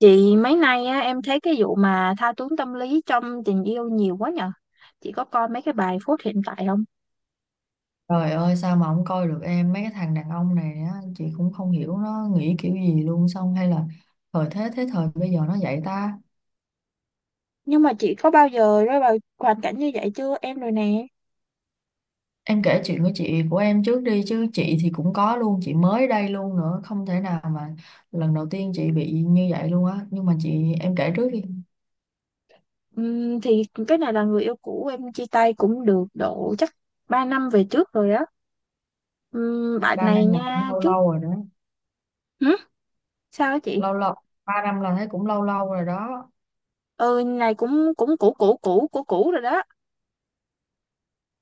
Chị mấy nay á, em thấy cái vụ mà thao túng tâm lý trong tình yêu nhiều quá nhờ. Chị có coi mấy cái bài phút hiện tại không? Trời ơi, sao mà không coi được em. Mấy cái thằng đàn ông này á chị cũng không hiểu nó nghĩ kiểu gì luôn. Xong hay là thời thế thế thời bây giờ nó vậy ta. Nhưng mà chị có bao giờ rơi vào hoàn cảnh như vậy chưa? Em rồi nè. Em kể chuyện của chị của em trước đi chứ, chị thì cũng có luôn, chị mới đây luôn, nữa không thể nào mà lần đầu tiên chị bị như vậy luôn á, nhưng mà chị em kể trước đi. Thì cái này là người yêu cũ, em chia tay cũng được độ chắc 3 năm về trước rồi á. Bạn Ba này năm là cũng nha. lâu Trước lâu rồi đó. hử? Sao á chị? Lâu lâu, 3 năm là thấy cũng lâu lâu rồi đó. Ừ, này cũng cũng cũ cũ cũ cũ cũ rồi đó.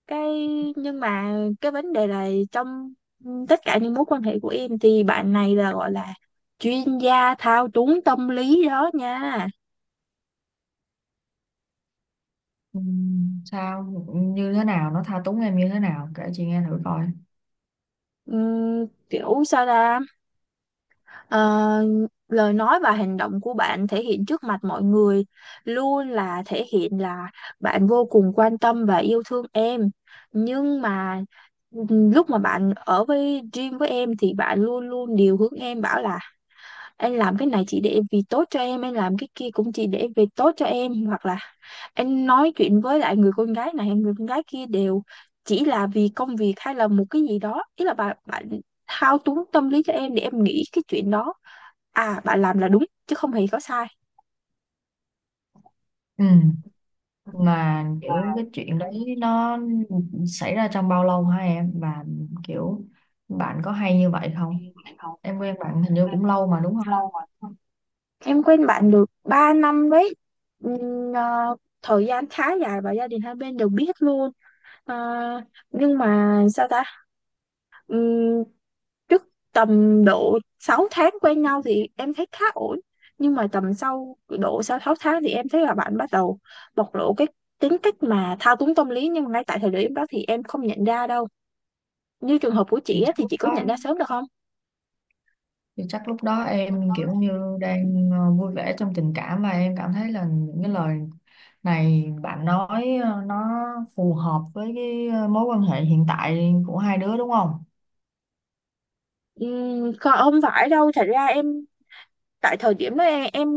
Cái nhưng mà cái vấn đề là trong, tất cả những mối quan hệ của em thì bạn này là gọi là chuyên gia thao túng tâm lý đó nha. Sao, như thế nào, nó tha túng em như thế nào kể chị nghe thử coi. Kiểu sao ra, Ờ, lời nói và hành động của bạn thể hiện trước mặt mọi người luôn là thể hiện là bạn vô cùng quan tâm và yêu thương em. Nhưng mà lúc mà bạn ở với Dream với em thì bạn luôn luôn điều hướng em, bảo là anh làm cái này chỉ để vì tốt cho em, anh làm cái kia cũng chỉ để vì tốt cho em, hoặc là anh nói chuyện với lại người con gái này người con gái kia đều chỉ là vì công việc hay là một cái gì đó. Ý là bạn bạn thao túng tâm lý cho em để em nghĩ cái chuyện đó à, bạn làm là đúng chứ không hề có sai. Ừ, mà kiểu cái chuyện đấy nó xảy ra trong bao lâu hả em, và kiểu bạn có hay như vậy không? Em quen bạn hình như cũng lâu mà đúng không? Em quen bạn được 3 năm đấy. Ừm, ờ, Thời gian khá dài và gia đình hai bên đều biết luôn. Ờ, nhưng mà sao ta. Ừm, Trước tầm độ 6 tháng quen nhau thì em thấy khá ổn, nhưng mà tầm sau độ sau 6 tháng thì em thấy là bạn bắt đầu bộc lộ cái tính cách mà thao túng tâm lý, nhưng mà ngay tại thời điểm đó thì em không nhận ra đâu. Như trường hợp của thì chị á, chắc thì lúc chị có đó nhận ra sớm được không? thì chắc lúc đó em kiểu như đang vui vẻ trong tình cảm, mà em cảm thấy là những cái lời này bạn nói nó phù hợp với cái mối quan hệ hiện tại của hai đứa đúng không? Không phải đâu, thật ra em tại thời điểm đó, em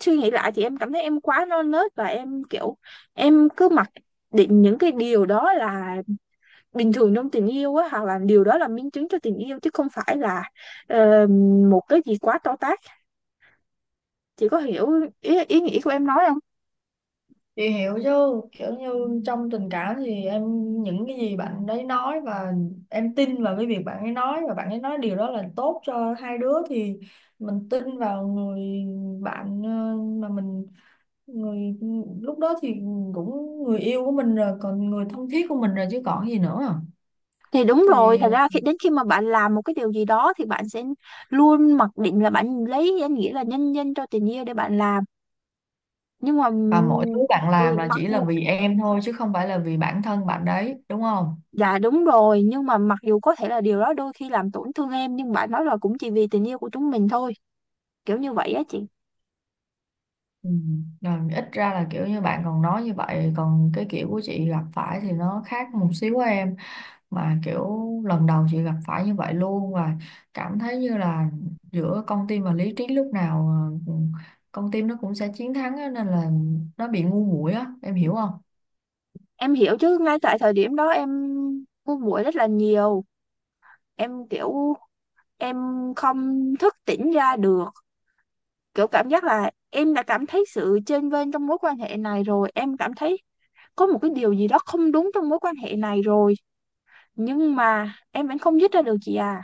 suy nghĩ lại thì em cảm thấy em quá non nớt và em kiểu em cứ mặc định những cái điều đó là bình thường trong tình yêu á, hoặc là điều đó là minh chứng cho tình yêu chứ không phải là ờ, một cái gì quá to tát. Chị có hiểu ý nghĩa của em nói không? Chị hiểu chứ, kiểu như trong tình cảm thì em những cái gì bạn đấy nói và em tin vào cái việc bạn ấy nói, và bạn ấy nói điều đó là tốt cho hai đứa, thì mình tin vào người bạn mà mình, người lúc đó thì cũng người yêu của mình rồi, còn người thân thiết của mình rồi chứ còn gì nữa. Thì đúng rồi, Thì thật ra khi đến khi mà bạn làm một cái điều gì đó thì bạn sẽ luôn mặc định là bạn lấy danh nghĩa là nhân danh cho tình yêu để bạn làm. Nhưng mà và mọi thứ bạn làm ừ, là mặc chỉ là dù vì em thôi chứ không phải là vì bản thân bạn đấy đúng không? dạ đúng rồi, nhưng mà mặc dù có thể là điều đó đôi khi làm tổn thương em, nhưng bạn nói là cũng chỉ vì tình yêu của chúng mình thôi, kiểu như vậy á chị. Ừ. Rồi ít ra là kiểu như bạn còn nói như vậy, còn cái kiểu của chị gặp phải thì nó khác một xíu của em. Mà kiểu lần đầu chị gặp phải như vậy luôn, và cảm thấy như là giữa con tim và lý trí lúc nào ờ, con tim nó cũng sẽ chiến thắng á, nên là nó bị ngu muội á, em hiểu không? Em hiểu chứ, ngay tại thời điểm đó em buồn muội rất là nhiều. Em kiểu em không thức tỉnh ra được, kiểu cảm giác là em đã cảm thấy sự chênh vênh trong mối quan hệ này rồi, em cảm thấy có một cái điều gì đó không đúng trong mối quan hệ này rồi, nhưng mà em vẫn không dứt ra được chị à.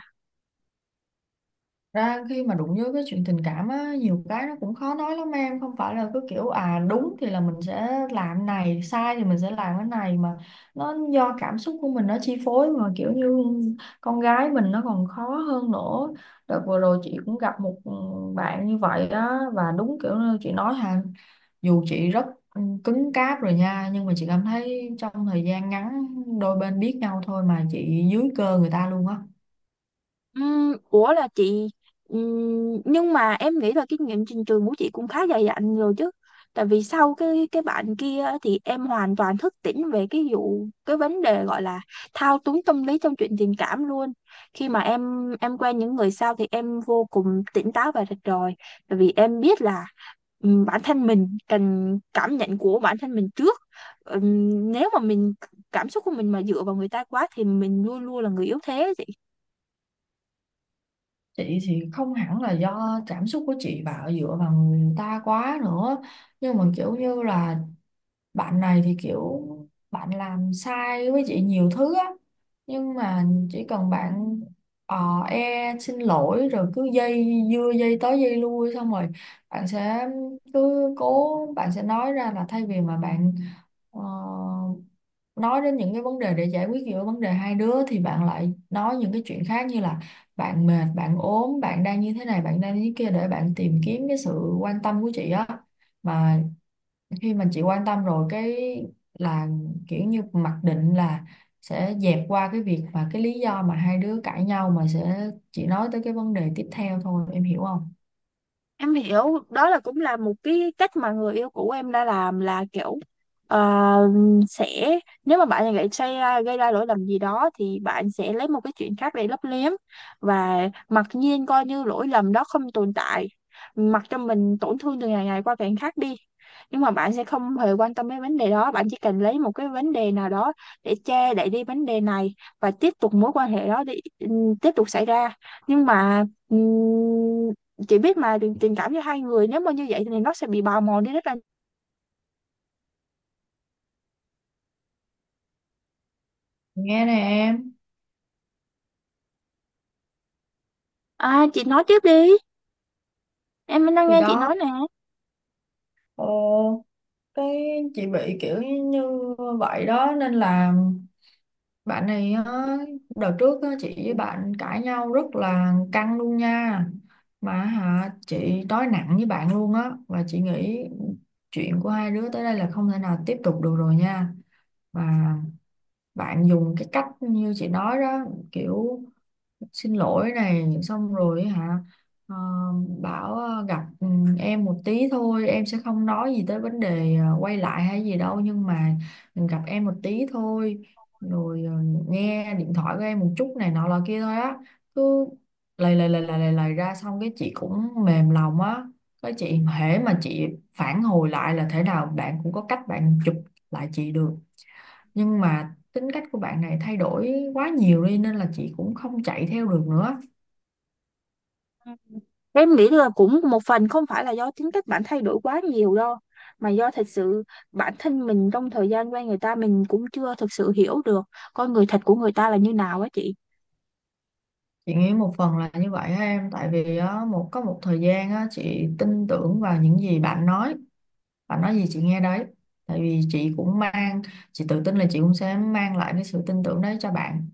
Ra khi mà đụng với cái chuyện tình cảm á, nhiều cái nó cũng khó nói lắm em, không phải là cứ kiểu à đúng thì là mình sẽ làm này, sai thì mình sẽ làm cái này, mà nó do cảm xúc của mình nó chi phối. Mà kiểu như con gái mình nó còn khó hơn nữa. Đợt vừa rồi chị cũng gặp một bạn như vậy đó, và đúng kiểu như chị nói hà, dù chị rất cứng cáp rồi nha, nhưng mà chị cảm thấy trong thời gian ngắn đôi bên biết nhau thôi mà chị dưới cơ người ta luôn á. Ủa là chị nhưng mà em nghĩ là kinh nghiệm trình trường của chị cũng khá dày dặn rồi chứ. Tại vì sau cái bạn kia á, thì em hoàn toàn thức tỉnh về cái vấn đề gọi là thao túng tâm lý trong chuyện tình cảm luôn. Khi mà em quen những người sau thì em vô cùng tỉnh táo và rạch ròi, tại vì em biết là bản thân mình cần cảm nhận của bản thân mình trước. Nếu mà mình cảm xúc của mình mà dựa vào người ta quá thì mình luôn luôn là người yếu thế. Chị thì không hẳn là do cảm xúc của chị bảo dựa vào người ta quá nữa, nhưng mà kiểu như là bạn này thì kiểu bạn làm sai với chị nhiều thứ á, nhưng mà chỉ cần bạn e xin lỗi rồi cứ dây dưa dây tới dây lui, xong rồi bạn sẽ cứ cố, bạn sẽ nói ra là thay vì mà bạn Ờ, nói đến những cái vấn đề để giải quyết giữa vấn đề hai đứa, thì bạn lại nói những cái chuyện khác như là bạn mệt, bạn ốm, bạn đang như thế này, bạn đang như thế kia, để bạn tìm kiếm cái sự quan tâm của chị á. Mà khi mà chị quan tâm rồi cái là kiểu như mặc định là sẽ dẹp qua cái việc và cái lý do mà hai đứa cãi nhau, mà sẽ chỉ nói tới cái vấn đề tiếp theo thôi, em hiểu không? Em hiểu, đó là cũng là một cái cách mà người yêu cũ em đã làm, là kiểu ờ, sẽ nếu mà bạn lại gây ra lỗi lầm gì đó thì bạn sẽ lấy một cái chuyện khác để lấp liếm và mặc nhiên coi như lỗi lầm đó không tồn tại, mặc cho mình tổn thương từ ngày ngày qua ngày khác đi. Nhưng mà bạn sẽ không hề quan tâm đến vấn đề đó, bạn chỉ cần lấy một cái vấn đề nào đó để che đậy đi vấn đề này và tiếp tục mối quan hệ đó đi, tiếp tục xảy ra. Nhưng mà ừm, chị biết mà tình cảm giữa hai người nếu mà như vậy thì nó sẽ bị bào mòn đi rất là. Nghe nè em, À chị nói tiếp đi, em đang thì nghe chị đó. nói nè. Ồ, cái chị bị kiểu như vậy đó nên là bạn này á, đợt trước á, chị với bạn cãi nhau rất là căng luôn nha, mà hả chị nói nặng với bạn luôn á, và chị nghĩ chuyện của hai đứa tới đây là không thể nào tiếp tục được rồi nha. Và bạn dùng cái cách như chị nói đó, kiểu xin lỗi này xong rồi hả, ờ, bảo gặp em một tí thôi, em sẽ không nói gì tới vấn đề quay lại hay gì đâu, nhưng mà gặp em một tí thôi, rồi nghe điện thoại của em một chút này nọ là kia thôi á. Cứ lầy lầy lầy lầy lầy lầy ra, xong cái chị cũng mềm lòng á. Cái chị hễ mà chị phản hồi lại là thế nào bạn cũng có cách bạn chụp lại chị được. Nhưng mà tính cách của bạn này thay đổi quá nhiều đi, nên là chị cũng không chạy theo được nữa. Ừ, em nghĩ là cũng một phần không phải là do tính cách bạn thay đổi quá nhiều đâu, mà do thật sự bản thân mình trong thời gian quen người ta mình cũng chưa thực sự hiểu được con người thật của người ta là như nào á chị. Chị nghĩ một phần là như vậy á em, tại vì á, một có một thời gian á, chị tin tưởng vào những gì bạn nói, bạn nói gì chị nghe đấy. Tại vì chị cũng mang, chị tự tin là chị cũng sẽ mang lại cái sự tin tưởng đấy cho bạn.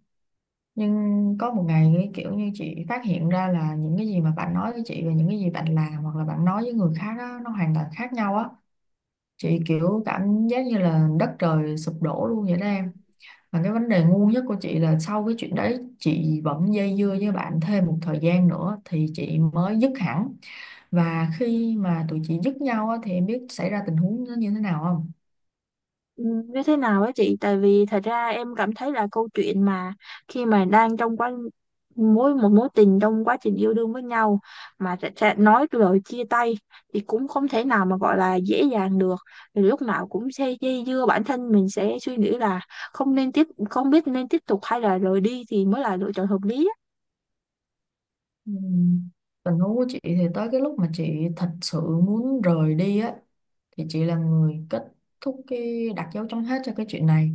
Nhưng có một ngày cái kiểu như chị phát hiện ra là những cái gì mà bạn nói với chị và những cái gì bạn làm hoặc là bạn nói với người khác á, nó hoàn toàn khác nhau á. Chị kiểu cảm giác như là đất trời sụp đổ luôn vậy đó em. Mà cái vấn đề ngu nhất của chị là sau cái chuyện đấy chị vẫn dây dưa với bạn thêm một thời gian nữa thì chị mới dứt hẳn. Và khi mà tụi chị dứt nhau á, thì em biết xảy ra tình huống nó như thế nào không? Ừ, như thế nào á chị, tại vì thật ra em cảm thấy là câu chuyện mà khi mà đang trong quá mối tình trong quá trình yêu đương với nhau mà sẽ nói lời chia tay thì cũng không thể nào mà gọi là dễ dàng được. Thì lúc nào cũng sẽ dây dưa, bản thân mình sẽ suy nghĩ là không biết nên tiếp tục hay là rời đi thì mới là lựa chọn hợp lý á. Ừm, Tình huống của chị thì tới cái lúc mà chị thật sự muốn rời đi á, thì chị là người kết thúc, cái đặt dấu chấm hết cho cái chuyện này.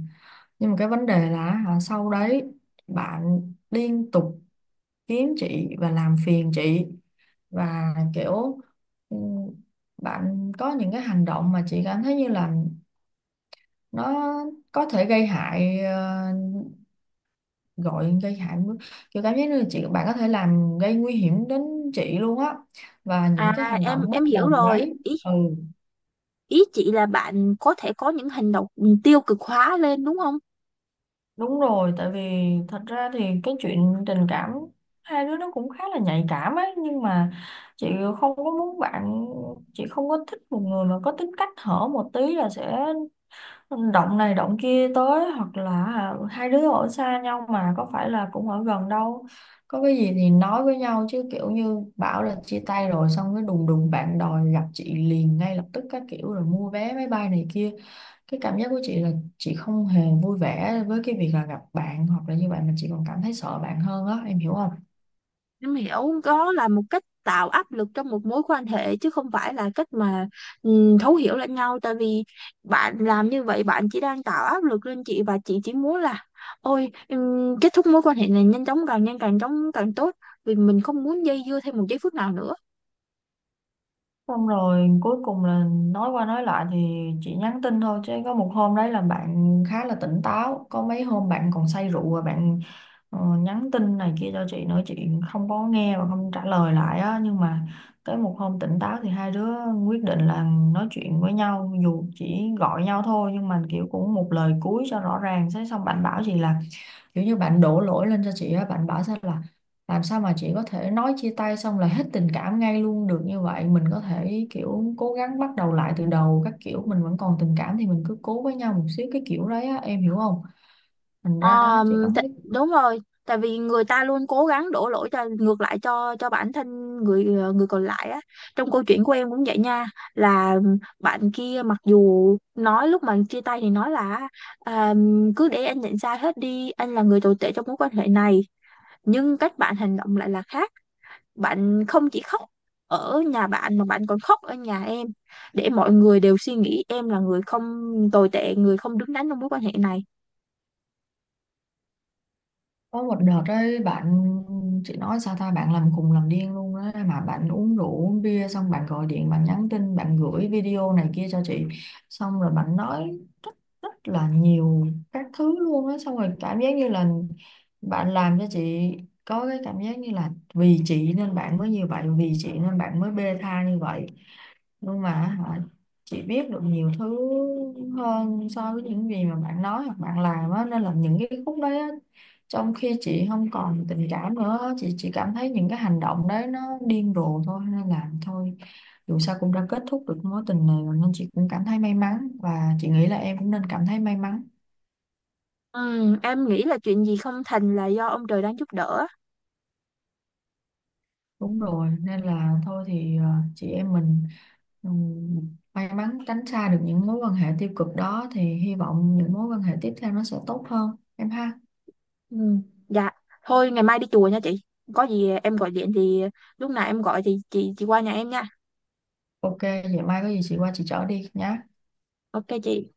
Nhưng mà cái vấn đề là hả, sau đấy bạn liên tục kiếm chị và làm phiền chị. Và kiểu ừ, bạn có những cái hành động mà chị cảm thấy như là nó có thể gây hại, gọi gây hại, kiểu cảm giác như là chị bạn có thể làm gây nguy hiểm đến chị luôn á, và những cái À hành động em bốc em hiểu đồng rồi, đấy. ý Ừ ý chị là bạn có thể có những hành động tiêu cực hóa lên đúng không? đúng rồi, tại vì thật ra thì cái chuyện tình cảm hai đứa nó cũng khá là nhạy cảm ấy, nhưng mà chị không có muốn bạn, chị không có thích một người mà có tính cách hở một tí là sẽ động này động kia tới, hoặc là à, hai đứa ở xa nhau mà có phải là cũng ở gần đâu, có cái gì thì nói với nhau chứ, kiểu như bảo là chia tay rồi xong cái đùng đùng bạn đòi gặp chị liền ngay lập tức các kiểu, rồi mua vé máy bay này kia. Cái cảm giác của chị là chị không hề vui vẻ với cái việc là gặp bạn hoặc là như vậy, mà chị còn cảm thấy sợ bạn hơn á, em hiểu không? Em hiểu, đó là một cách tạo áp lực trong một mối quan hệ chứ không phải là cách mà thấu hiểu lẫn nhau. Tại vì bạn làm như vậy, bạn chỉ đang tạo áp lực lên chị, và chị chỉ muốn là ôi kết thúc mối quan hệ này nhanh chóng, càng nhanh càng chóng càng tốt, vì mình không muốn dây dưa thêm một giây phút nào nữa. Xong rồi cuối cùng là nói qua nói lại thì chị nhắn tin thôi, chứ có một hôm đấy là bạn khá là tỉnh táo, có mấy hôm bạn còn say rượu và bạn nhắn tin này kia cho chị nữa, chị không có nghe và không trả lời lại á. Nhưng mà tới một hôm tỉnh táo thì hai đứa quyết định là nói chuyện với nhau, dù chỉ gọi nhau thôi, nhưng mà kiểu cũng một lời cuối cho rõ ràng. Thế xong bạn bảo chị là kiểu như bạn đổ lỗi lên cho chị á, bạn bảo sao là làm sao mà chị có thể nói chia tay xong là hết tình cảm ngay luôn được như vậy, mình có thể kiểu cố gắng bắt đầu lại từ đầu các kiểu, mình vẫn còn tình cảm thì mình cứ cố với nhau một xíu, cái kiểu đấy á em hiểu không? Thành Ờ, ra á, chị cảm thấy Đúng rồi, tại vì người ta luôn cố gắng đổ lỗi cho ngược lại cho bản thân người người còn lại á. Trong câu chuyện của em cũng vậy nha, là bạn kia mặc dù nói lúc mà chia tay thì nói là à, cứ để anh nhận sai hết đi, anh là người tồi tệ trong mối quan hệ này, nhưng cách bạn hành động lại là khác. Bạn không chỉ khóc ở nhà bạn mà bạn còn khóc ở nhà em, để mọi người đều suy nghĩ em là người không tồi tệ, người không đứng đắn trong mối quan hệ này. có một đợt đấy bạn, chị nói sao ta, bạn làm khùng làm điên luôn á, mà bạn uống rượu uống bia xong bạn gọi điện, bạn nhắn tin, bạn gửi video này kia cho chị. Xong rồi bạn nói rất rất là nhiều các thứ luôn á. Xong rồi cảm giác như là bạn làm cho chị có cái cảm giác như là vì chị nên bạn mới như vậy, vì chị nên bạn mới bê tha như vậy. Nhưng mà hả, chị biết được nhiều thứ hơn so với những gì mà bạn nói hoặc bạn làm á, nên là những cái khúc đấy á, trong khi chị không còn tình cảm nữa, chị chỉ cảm thấy những cái hành động đấy nó điên rồ thôi. Nên là thôi, dù sao cũng đã kết thúc được mối tình này rồi, nên chị cũng cảm thấy may mắn và chị nghĩ là em cũng nên cảm thấy may mắn. Ừ, em nghĩ là chuyện gì không thành là do ông trời đang giúp đỡ. Đúng rồi, nên là thôi thì chị em mình may mắn tránh xa được những mối quan hệ tiêu cực đó, thì hy vọng những mối quan hệ tiếp theo nó sẽ tốt hơn em ha. Ừ. Dạ, thôi ngày mai đi chùa nha chị. Có gì em gọi điện thì lúc nào em gọi thì chị qua nhà em nha. OK, vậy mai có gì chị qua chị chở đi nhé. Ok chị.